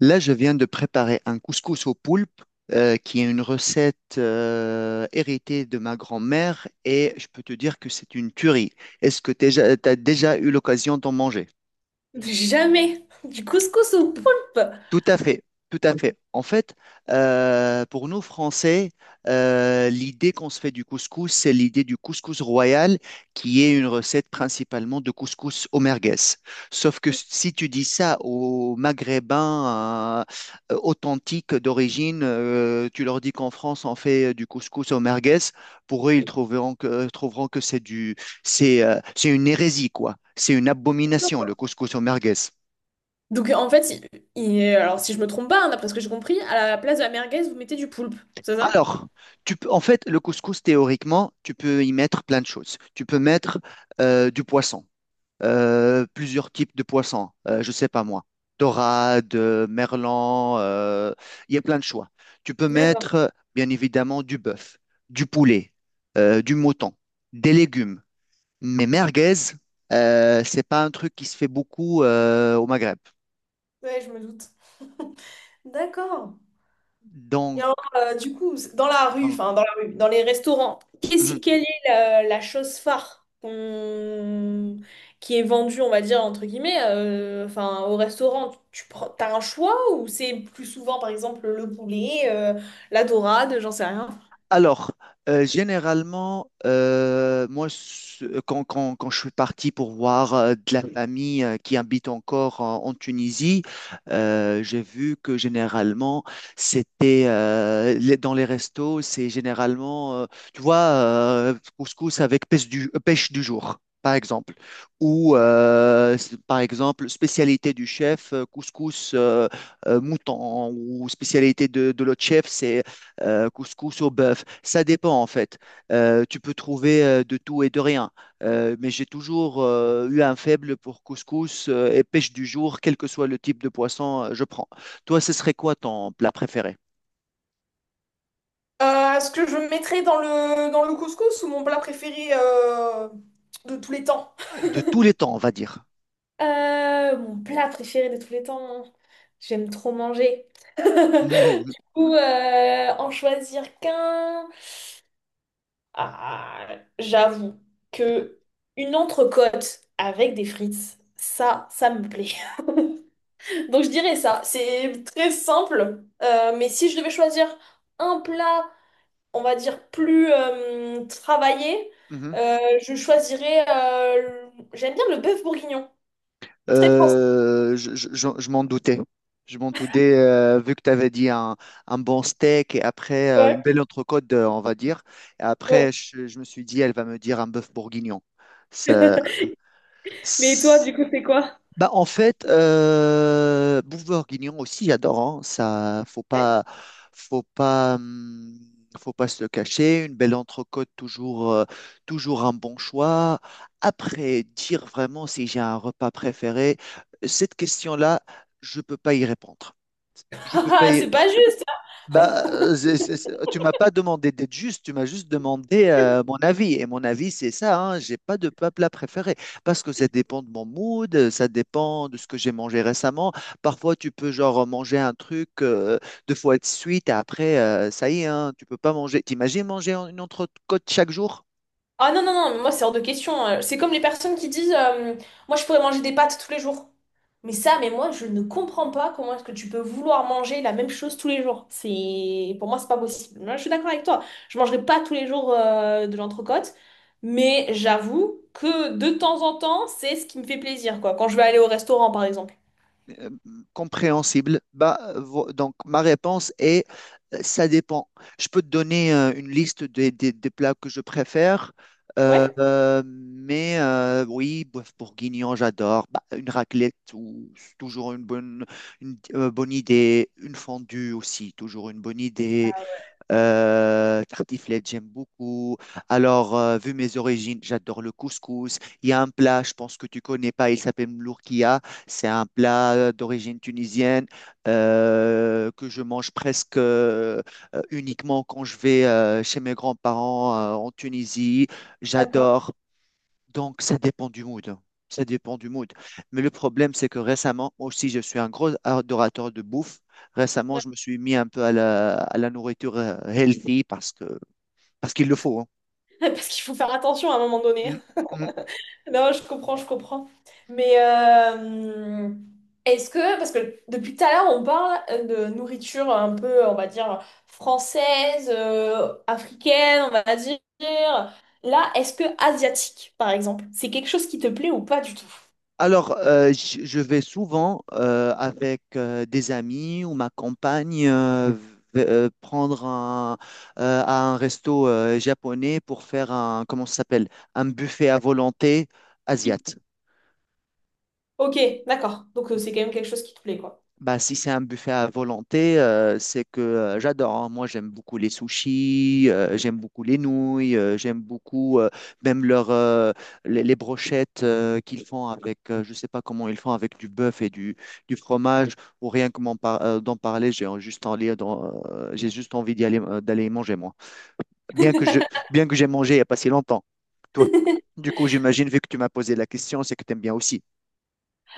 Là, je viens de préparer un couscous au poulpe, qui est une recette héritée de ma grand-mère, et je peux te dire que c'est une tuerie. Est-ce que tu as déjà t'as déjà eu l'occasion d'en manger? Jamais. Du couscous au poulpe. Tout à fait, tout à fait. En fait, pour nous Français, l'idée qu'on se fait du couscous, c'est l'idée du couscous royal, qui est une recette principalement de couscous au merguez. Sauf que si tu dis ça aux Maghrébins authentiques d'origine, tu leur dis qu'en France on fait du couscous au merguez, pour eux ils trouveront que c'est une hérésie quoi. C'est une abomination le D'accord. couscous au merguez. Donc en fait, alors si je me trompe pas, hein, d'après ce que j'ai compris, à la place de la merguez, vous mettez du poulpe, c'est ça? Alors, tu peux, en fait, le couscous, théoriquement, tu peux y mettre plein de choses. Tu peux mettre du poisson, plusieurs types de poissons, je sais pas moi, dorade, merlan, il y a plein de choix. Tu peux D'accord. mettre, bien évidemment, du bœuf, du poulet, du mouton, des légumes. Mais merguez, c'est pas un truc qui se fait beaucoup au Maghreb. Ouais, je me doute. D'accord. Et Donc. alors, du coup, c- dans la rue, Hein. enfin dans la rue, dans les restaurants, qu'est-ce- quelle est la chose phare qu'on- qui est vendue, on va dire, entre guillemets, enfin au restaurant, tu prends, t'as un choix ou c'est plus souvent, par exemple, le poulet, la dorade, j'en sais rien. Alors, généralement, moi, quand je suis parti pour voir de la famille qui habite encore en Tunisie, j'ai vu que généralement, c'était dans les restos, c'est généralement, tu vois, couscous avec pêche du jour, par exemple. Ou, par exemple, spécialité du chef, couscous mouton, ou spécialité de l'autre chef, c'est couscous au bœuf. Ça dépend en fait. Tu peux trouver de tout et de rien. Mais j'ai toujours eu un faible pour couscous et pêche du jour, quel que soit le type de poisson, je prends. Toi, ce serait quoi ton plat préféré? Ce que je mettrais dans dans le couscous ou mon plat préféré de tous les temps? De tous les temps, on va dire. Mon plat préféré de tous les temps. J'aime trop manger. Mhm, Ou en choisir qu'un. Ah, j'avoue que une entrecôte avec des frites, ça me plaît. Donc je dirais ça. C'est très simple. Mais si je devais choisir un plat on va dire, plus travaillée, mhm. euh, J'aime bien le bœuf bourguignon. Très français. Je m'en doutais. Je m'en doutais, vu que tu avais dit un bon steak et après une Ouais, belle entrecôte, on va dire. Et après, ouais. je me suis dit, elle va me dire un bœuf bourguignon. ça Mais toi, du S- coup, c'est quoi? Bah, en fait, Bouvard-Guignon aussi, j'adore, hein. Ça, faut pas, hum, faut pas se le cacher. Une belle entrecôte, toujours un bon choix. Après, dire vraiment si j'ai un repas préféré, cette question-là, je peux pas y répondre. Je peux pas. Ah, c'est pas juste. Bah, tu m'as pas demandé d'être juste, tu m'as juste demandé mon avis. Et mon avis, c'est ça, hein, j'ai pas de plat préféré. Parce que ça dépend de mon mood, ça dépend de ce que j'ai mangé récemment. Parfois, tu peux genre manger un truc deux fois de suite et après, ça y est, hein, tu peux pas manger. T'imagines manger une entrecôte chaque jour? Ah non, non, non, moi c'est hors de question. C'est comme les personnes qui disent moi je pourrais manger des pâtes tous les jours. Mais moi je ne comprends pas comment est-ce que tu peux vouloir manger la même chose tous les jours. C'est... Pour moi c'est pas possible. Moi, je suis d'accord avec toi. Je mangerai pas tous les jours de l'entrecôte. Mais j'avoue que de temps en temps c'est ce qui me fait plaisir, quoi. Quand je vais aller au restaurant par exemple. euh, compréhensible Bah, donc, ma réponse est, ça dépend. Je peux te donner une liste des plats que je préfère, Ouais, mais oui, bœuf bourguignon, j'adore. Bah, une raclette, c'est toujours une bonne idée. Une fondue aussi, toujours une bonne idée. Tartiflette, j'aime beaucoup. Alors, vu mes origines, j'adore le couscous. Il y a un plat, je pense que tu connais pas, il s'appelle l'ourkia. C'est un plat d'origine tunisienne que je mange presque uniquement quand je vais chez mes grands-parents en Tunisie. d'accord. J'adore. Donc, ça dépend du mood, hein. Ça dépend du mood. Mais le problème, c'est que récemment, moi aussi, je suis un gros adorateur de bouffe. Récemment, Ouais. je me suis mis un peu à la nourriture healthy parce qu'il le faut, hein. Parce qu'il faut faire attention à un moment donné. Mm, mm. Non, je comprends, je comprends. Mais est-ce que, parce que depuis tout à l'heure, on parle de nourriture un peu, on va dire, française, africaine, on va dire. Là, est-ce que asiatique, par exemple, c'est quelque chose qui te plaît ou pas du tout? Alors, je vais souvent avec des amis ou ma compagne prendre à un resto japonais pour faire un, comment ça s'appelle? Un buffet à volonté asiat. Ok, d'accord. Donc c'est quand même quelque chose qui te plaît, quoi. Bah, si c'est un buffet à volonté, c'est que j'adore, hein. Moi, j'aime beaucoup les sushis, j'aime beaucoup les nouilles, j'aime beaucoup même leur, les brochettes qu'ils font avec, je sais pas comment ils font, avec du bœuf et du fromage, ou rien que d'en parler, juste envie, j'ai juste envie d'y aller, d'aller y manger, moi bien que je, bien que j'ai mangé il n'y a pas si longtemps. Toi, du coup, j'imagine, vu que tu m'as posé la question, c'est que tu aimes bien aussi.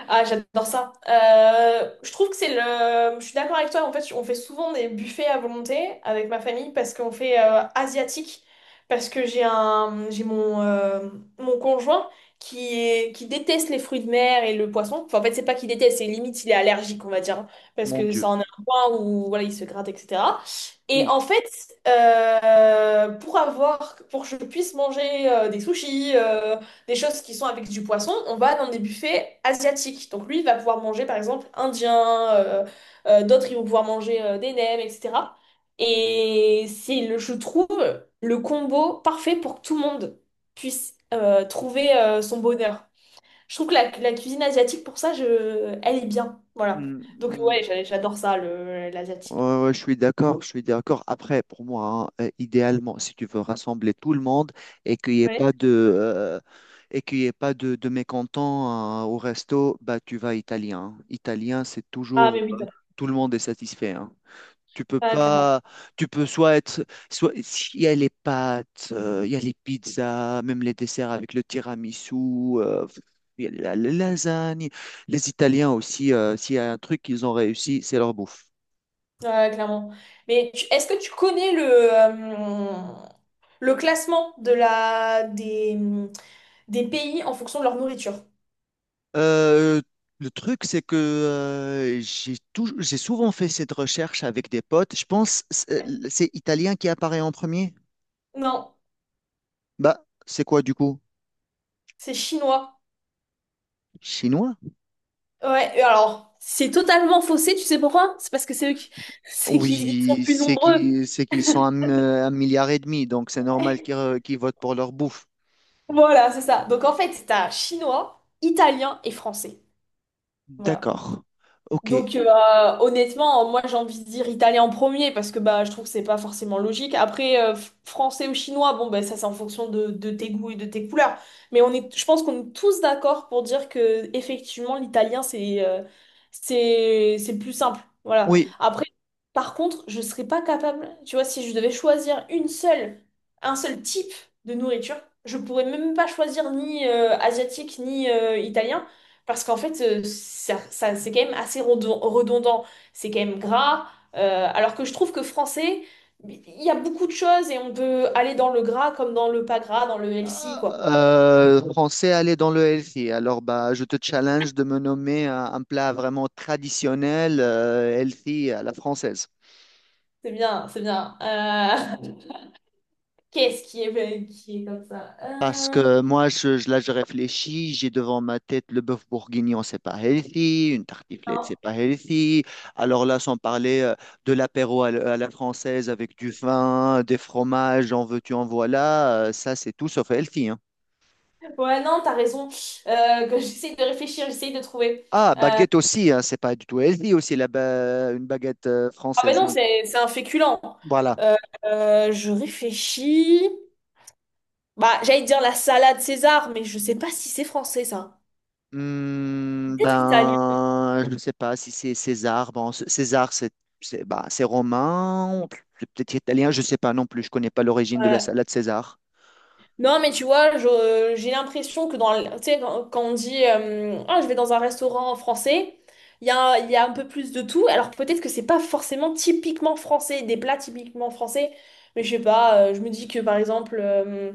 Ah, j'adore ça. Je trouve que c'est le... Je suis d'accord avec toi. En fait, on fait souvent des buffets à volonté avec ma famille parce qu'on fait asiatique. Parce que j'ai un... j'ai mon, mon conjoint qui est... qui déteste les fruits de mer et le poisson. Enfin, en fait, c'est pas qu'il déteste, c'est limite, il est allergique, on va dire, hein. Parce Mon que ça Dieu. en est un point où voilà, il se gratte, etc. Et Ouh. en fait, pour avoir... pour que je puisse manger des sushis, des choses qui sont avec du poisson, on va dans des buffets asiatiques. Donc lui, il va pouvoir manger par exemple indien, d'autres ils vont pouvoir manger des nems, etc. Et c'est, le, je trouve, le combo parfait pour que tout le monde puisse trouver son bonheur. Je trouve que la cuisine asiatique, pour ça, je, elle est bien. Voilà. Hmm, Donc hmm. ouais, j'adore ça, le, l'asiatique. Ouais, ouais, je suis d'accord, je suis d'accord. Après, pour moi, hein, idéalement, si tu veux rassembler tout le monde et qu'il n'y ait Ouais. pas de, euh, et qu'il y ait pas de mécontents, au resto, bah, tu vas italien, hein. Italien, Ah, mais oui, t'as- tout le monde est satisfait, hein. Tu peux Ah, clairement. pas, tu peux soit être, soit, il y a les pâtes, il y a les pizzas, même les desserts avec le tiramisu, euh, il y a la lasagne. Les Italiens aussi, s'il y a un truc qu'ils ont réussi, c'est leur bouffe. Ouais, clairement. Mais tu- est-ce que tu connais le classement de des pays en fonction de leur nourriture? Euh, le truc, c'est que j'ai souvent fait cette recherche avec des potes. Je pense c'est italien qui apparaît en premier. Non, Bah, c'est quoi du coup? c'est chinois. Chinois? Ouais, et alors, c'est totalement faussé, tu sais pourquoi? C'est parce que c'est eux qui... c'est qu'ils sont Oui, plus c'est nombreux. qu'ils c'est qu'ils sont un milliard et demi, donc c'est normal qu'ils votent pour leur bouffe. Voilà, c'est ça. Donc en fait, t'as chinois, italien et français. Voilà. D'accord. Ok. Donc honnêtement, moi j'ai envie de dire italien en premier parce que bah, je trouve que c'est pas forcément logique. Après, français ou chinois, bon bah, ça c'est en fonction de tes goûts et de tes couleurs. Mais on est, je pense qu'on est tous d'accord pour dire que effectivement l'italien c'est c'est le plus simple. Voilà. Oui. Après, par contre, je serais pas capable, tu vois, si je devais choisir une seule, un seul type de nourriture, je pourrais même pas choisir ni asiatique ni italien. Parce qu'en fait, c'est quand même assez redondant, c'est quand même gras, alors que je trouve que français, il y a beaucoup de choses et on peut aller dans le gras comme dans le pas gras, dans le healthy, quoi. Français, aller dans le healthy. Alors, bah, je te challenge de me nommer un plat vraiment traditionnel, healthy à la française. C'est bien, c'est bien. Qu'est-ce qui est comme ça? Parce que moi, là, je réfléchis, j'ai devant ma tête le bœuf bourguignon, c'est pas healthy, une tartiflette, c'est Non. pas healthy. Alors là, sans parler de l'apéro à la française avec du vin, des fromages, en veux-tu, en voilà, ça, c'est tout sauf healthy, hein. Ouais, non, t'as raison. Que j'essaie de réfléchir, j'essaie de trouver. Ah, Euh, baguette aussi, hein, c'est pas du tout healthy aussi, une baguette ah ben française non, non plus. C'est un féculent. Voilà. Euh, je réfléchis. Bah, j'allais dire la salade César, mais je sais pas si c'est français, ça. Hmm, Peut-être italien. ben, je ne sais pas si c'est César. Bon, César, c'est romain, c'est peut-être italien, je ne sais pas non plus. Je connais pas l'origine de la Ouais. salade César. Non, mais tu vois, j'ai l'impression que dans, le- tu sais, quand, quand on dit ah, je vais dans un restaurant français, il y a un peu plus de tout. Alors peut-être que c'est pas forcément typiquement français, des plats typiquement français, mais je sais pas, je me dis que par exemple,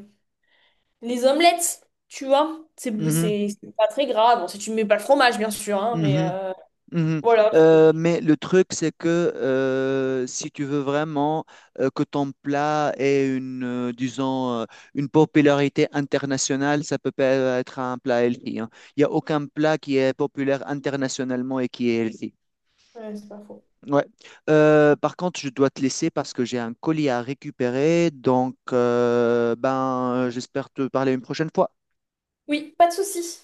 les omelettes, tu vois, Mhm, c'est pas très grave. Bon, si tu mets pas le fromage, bien sûr, hein, mais mhm, mhm. voilà. Mais le truc, c'est que si tu veux vraiment que ton plat ait disons, une popularité internationale, ça peut pas être un plat healthy, hein. Il n'y a aucun plat qui est populaire internationalement et qui est healthy. Ouais, c'est pas faux. Ouais. Par contre, je dois te laisser parce que j'ai un colis à récupérer. Donc, ben, j'espère te parler une prochaine fois. Oui, pas de souci.